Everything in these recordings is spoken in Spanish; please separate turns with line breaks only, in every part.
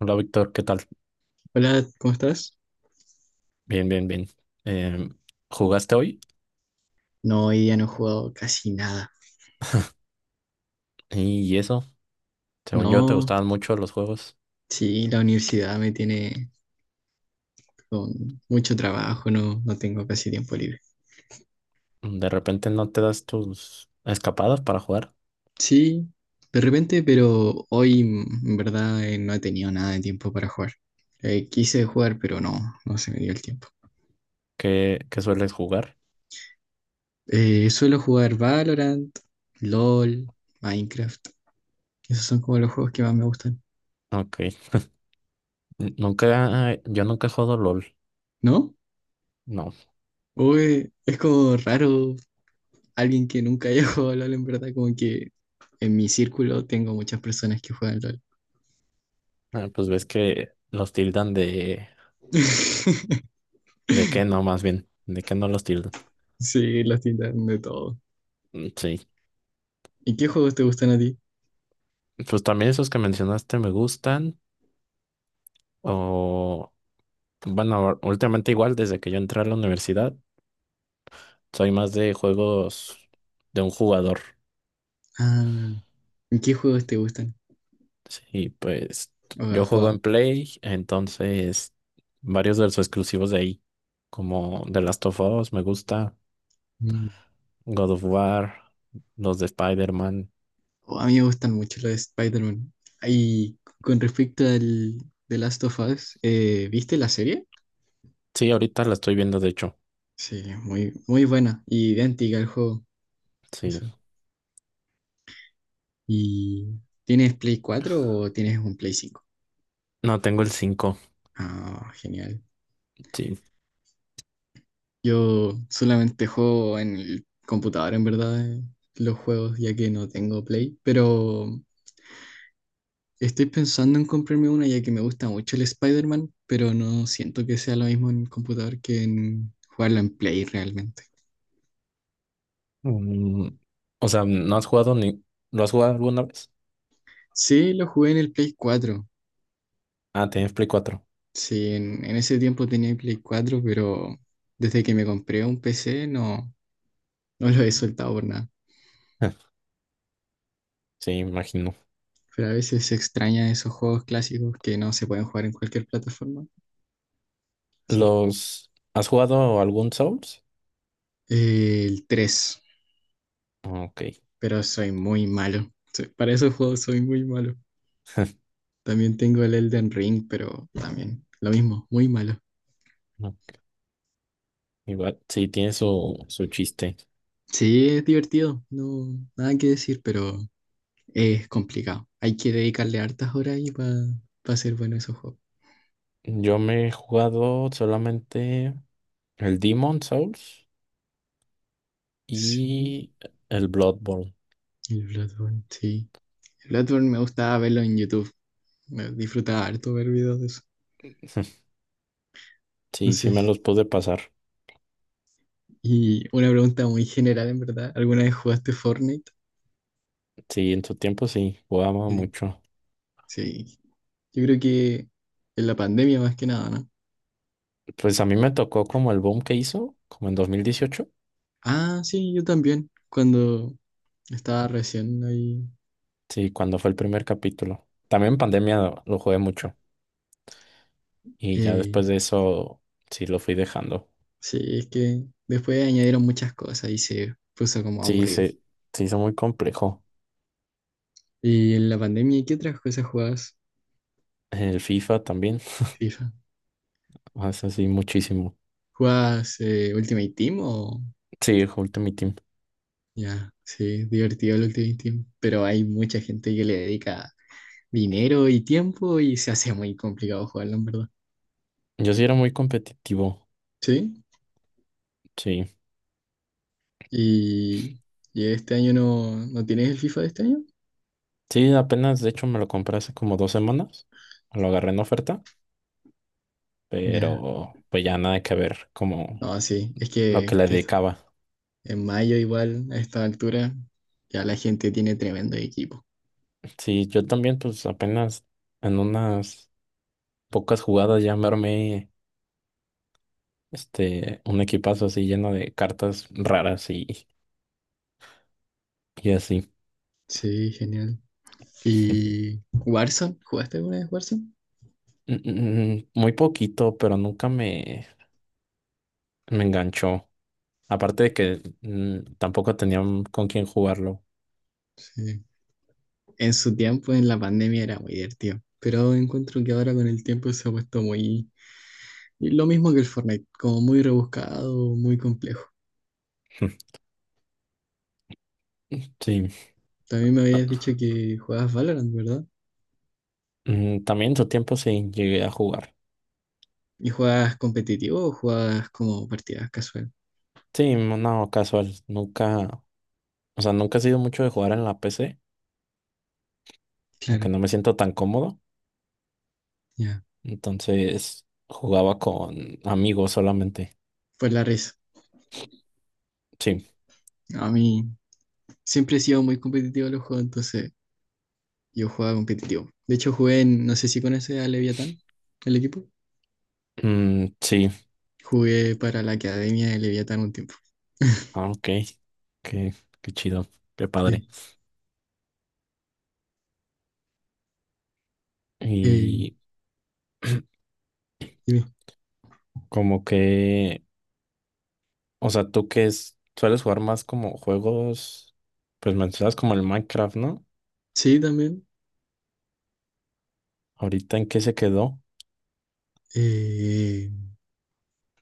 Hola Víctor, ¿qué tal?
Hola, ¿cómo estás?
Bien, bien, bien. Em, ¿Jugaste hoy?
No, hoy día no he jugado casi nada.
Y eso, según yo, te
No,
gustaban mucho los juegos.
sí, la universidad me tiene con mucho trabajo. No, no tengo casi tiempo libre.
De repente no te das tus escapadas para jugar.
Sí, de repente, pero hoy en verdad, no he tenido nada de tiempo para jugar. Quise jugar, pero no, no se me dio el tiempo.
¿Qué sueles jugar?
Suelo jugar Valorant, LOL, Minecraft. Esos son como los juegos que más me gustan.
Ok. N- Nunca, Yo nunca he jugado LOL.
¿No?
No.
Uy, es como raro alguien que nunca haya jugado LOL, en verdad, como que en mi círculo tengo muchas personas que juegan LOL.
Ah, pues ves que los tildan de... ¿De qué no, más bien? ¿De qué no los tildan?
Sí, las tiendas de todo.
Mm, sí.
¿Y qué juegos te gustan a ti?
Pues también esos que mencionaste me gustan. O... Bueno, últimamente igual desde que yo entré a la universidad. Soy más de juegos de un jugador.
Ah, ¿y qué juegos te gustan?
Sí, pues
¿O
yo
has
juego en
jugado?
Play, entonces varios de los exclusivos de ahí, como The Last of Us, me gusta,
Mm.
God of War, los de Spider-Man.
Oh, a mí me gustan mucho los de Spider-Man. Y con respecto al The Last of Us, ¿viste la serie?
Sí, ahorita la estoy viendo, de hecho.
Sí, muy buena. Y idéntica al juego.
Sí,
Eso. ¿Y tienes Play 4 o tienes un Play cinco?
no tengo el cinco.
Ah, genial.
Sí.
Yo solamente juego en el computador, en verdad, los juegos, ya que no tengo Play. Pero estoy pensando en comprarme una, ya que me gusta mucho el Spider-Man, pero no siento que sea lo mismo en computador que en jugarlo en Play realmente.
Mm, o sea, ¿no has jugado ni... ¿Lo has jugado alguna vez?
Sí, lo jugué en el Play cuatro.
Ah, tienes Play 4.
Sí, en ese tiempo tenía el Play cuatro, pero desde que me compré un PC no, no lo he soltado por nada.
Sí, imagino.
Pero a veces se extraña esos juegos clásicos que no se pueden jugar en cualquier plataforma. Así.
¿Los... ¿Has jugado algún Souls?
El 3,
Ok.
pero soy muy malo. Soy- Para esos juegos soy muy malo. También tengo el Elden Ring, pero también lo mismo, muy malo.
Igual, sí, tiene su chiste.
Sí, es divertido, no, nada que decir, pero es complicado. Hay que dedicarle hartas horas ahí para ser bueno esos juegos.
Yo me he jugado solamente el Demon Souls
Sí,
y el Bloodborne.
sí. El Bloodborne me gustaba verlo en YouTube. Me disfrutaba harto ver videos de eso. No
Sí, sí
sé.
me los pude pasar.
Y una pregunta muy general, en verdad. ¿Alguna vez jugaste Fortnite?
Sí, en su tiempo sí, jugaba
Sí.
mucho.
Sí, yo creo que en la pandemia más que nada, ¿no?
Pues a mí me tocó como el boom que hizo, como en 2018.
Ah, sí, yo también, cuando estaba recién ahí.
Sí, cuando fue el primer capítulo. También en pandemia lo jugué mucho. Y ya
eh,
después de eso, sí lo fui dejando.
sí, es que después añadieron muchas cosas y se puso como
Sí,
aburrido.
se hizo muy complejo.
¿Y en la pandemia qué otras cosas jugabas?
El FIFA también,
¿FIFA?
hace así muchísimo.
¿Jugabas Ultimate Team o...?
Sí, Ultimate Team.
Ya, sí, divertido el Ultimate Team, pero hay mucha gente que le dedica dinero y tiempo y se hace muy complicado jugarlo, en verdad.
Yo sí era muy competitivo,
¿Sí?
sí.
¿Y, y este año no, no tienes el FIFA de este año?
Sí, apenas, de hecho, me lo compré hace como 2 semanas. Lo agarré en oferta,
Ya,
pero pues ya nada que ver como
no, sí,
lo que le
que
dedicaba.
en mayo igual a esta altura ya la gente tiene tremendo equipo.
Sí, yo también, pues apenas en unas pocas jugadas ya me armé este, un equipazo así lleno de cartas raras y así.
Sí, genial. ¿Y Warzone? ¿Jugaste alguna vez Warzone?
Muy poquito, pero nunca me enganchó. Aparte de que tampoco tenía con quién jugarlo.
Sí. En su tiempo, en la pandemia, era muy divertido, pero encuentro que ahora con el tiempo se ha puesto muy... Lo mismo que el Fortnite, como muy rebuscado, muy complejo.
Sí.
También me habías dicho que jugabas Valorant, ¿verdad?
También en su tiempo sí llegué a jugar.
¿Y jugabas competitivo o jugabas como partidas casual?
Sí, no, no, casual. Nunca, o sea, nunca he sido mucho de jugar en la PC, aunque
Claro,
no me siento tan cómodo.
ya.
Entonces jugaba con amigos solamente.
Pues la risa.
Sí,
A mí, siempre he sido muy competitivo en los juegos, entonces yo jugaba competitivo. De hecho, jugué en, no sé si conoces a Leviatán, el equipo.
mm, sí,
Jugué para la academia de Leviatán un tiempo.
ah, ok, qué, qué chido, qué padre.
Sí. Eh,
Y
Dime.
como que, o sea, tú que es, sueles jugar más como juegos, pues mencionas como el Minecraft, ¿no?
Sí, también.
Ahorita en qué se quedó.
eh,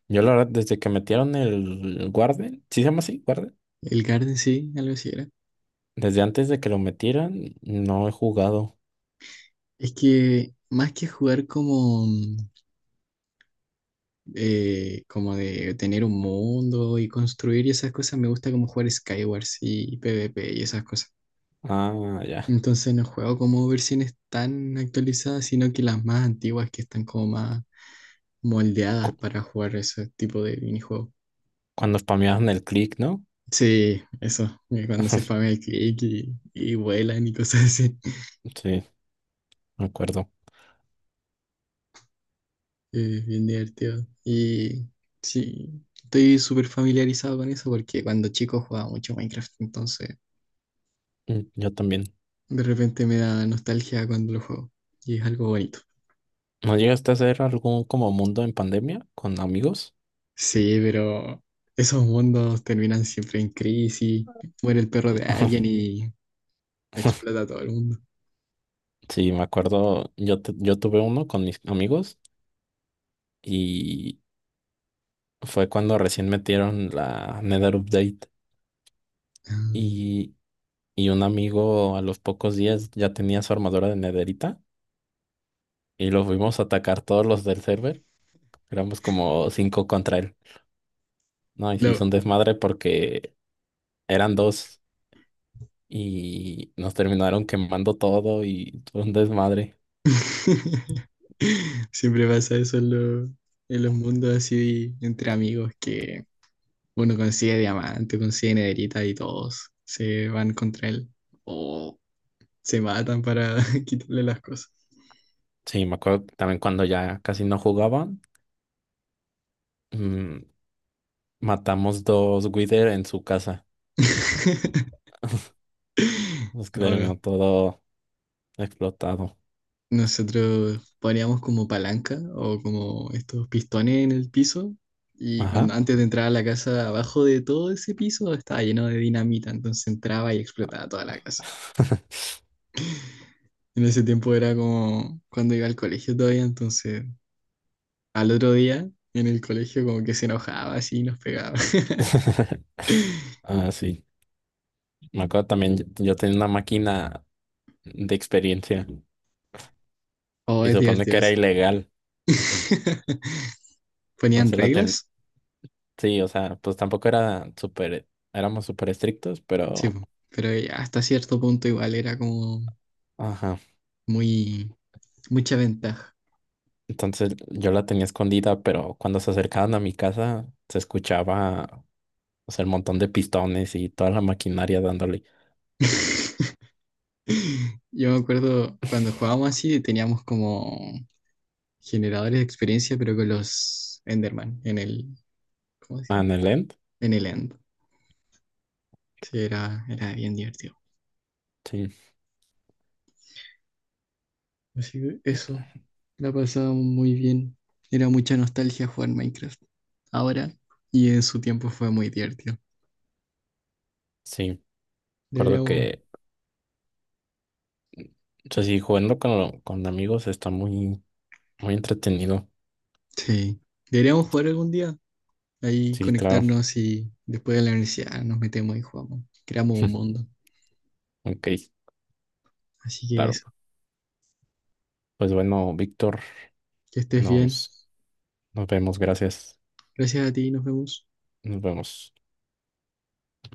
Yo la verdad, desde que metieron el Guardian, ¿sí se llama así?
el Garden sí, algo así era.
Desde antes de que lo metieran, no he jugado.
Es que más que jugar como, como de tener un mundo y construir y esas cosas, me gusta como jugar Skywars y PvP y esas cosas.
Ah, ya.
Entonces no juego como versiones tan actualizadas, sino que las más antiguas que están como más moldeadas
Cu-
para jugar ese tipo de minijuegos.
cuando spameaban el click, ¿no?
Sí, eso, cuando se farmea el click y vuelan y cosas así.
Sí, me acuerdo.
Bien divertido. Y sí, estoy súper familiarizado con eso porque cuando chico jugaba mucho Minecraft, entonces
Yo también.
de repente me da nostalgia cuando lo juego. Y es algo bonito.
¿No llegaste a hacer algún como mundo en pandemia con amigos?
Sí, pero esos mundos terminan siempre en crisis. Muere el perro de alguien y explota a todo el mundo.
Sí, me acuerdo. Yo tuve uno con mis amigos y fue cuando recién metieron la Nether Update
Mm,
y, y un amigo a los pocos días ya tenía su armadura de nederita y lo fuimos a atacar todos los del server. Éramos como cinco contra él. No, y se
Lo...
hizo un desmadre porque eran dos y nos terminaron quemando todo y fue un desmadre.
Siempre pasa eso en, en los mundos así entre amigos, que uno consigue diamante, consigue nederita y todos se van contra él o se matan para quitarle las cosas.
Sí, me acuerdo que también cuando ya casi no jugaban, mm, matamos dos Wither en su casa. Nos que
No, no,
terminó todo explotado.
nosotros poníamos como palanca o como estos pistones en el piso, y
Ajá.
cuando antes de entrar a la casa, abajo de todo ese piso estaba lleno de dinamita, entonces entraba y explotaba toda la casa. En ese tiempo era como cuando iba al colegio todavía, entonces al otro día en el colegio como que se enojaba así y nos pegaba.
Ah, sí. Me acuerdo también, yo tenía una máquina de experiencia
Oh,
y
es
se supone
divertido
que era
eso.
ilegal.
¿Ponían
Entonces la ten...
reglas?
Sí, o sea, pues tampoco era súper, éramos súper estrictos,
Sí,
pero...
po, pero hasta cierto punto igual era como
Ajá.
muy mucha ventaja.
Entonces yo la tenía escondida, pero cuando se acercaban a mi casa se escuchaba, o sea, el montón de pistones y toda la maquinaria dándole.
Yo me acuerdo cuando jugábamos así, teníamos como generadores de experiencia, pero con los Enderman en el, ¿cómo se
Ah,
llama?
en el end.
En el End. Sí, era bien divertido.
Sí,
Así que eso, la pasábamos muy bien. Era mucha nostalgia jugar Minecraft ahora, y en su tiempo fue muy divertido.
sí. Recuerdo
Deberíamos,
que, o sea, sí, jugando con, amigos está muy, muy entretenido.
sí, deberíamos jugar algún día. Ahí
Sí, claro.
conectarnos y después de la universidad nos metemos y jugamos. Creamos un mundo.
Ok,
Así que
claro.
eso,
Pues bueno, Víctor,
que estés bien.
nos, nos vemos. Gracias.
Gracias a ti, nos vemos.
Nos vemos.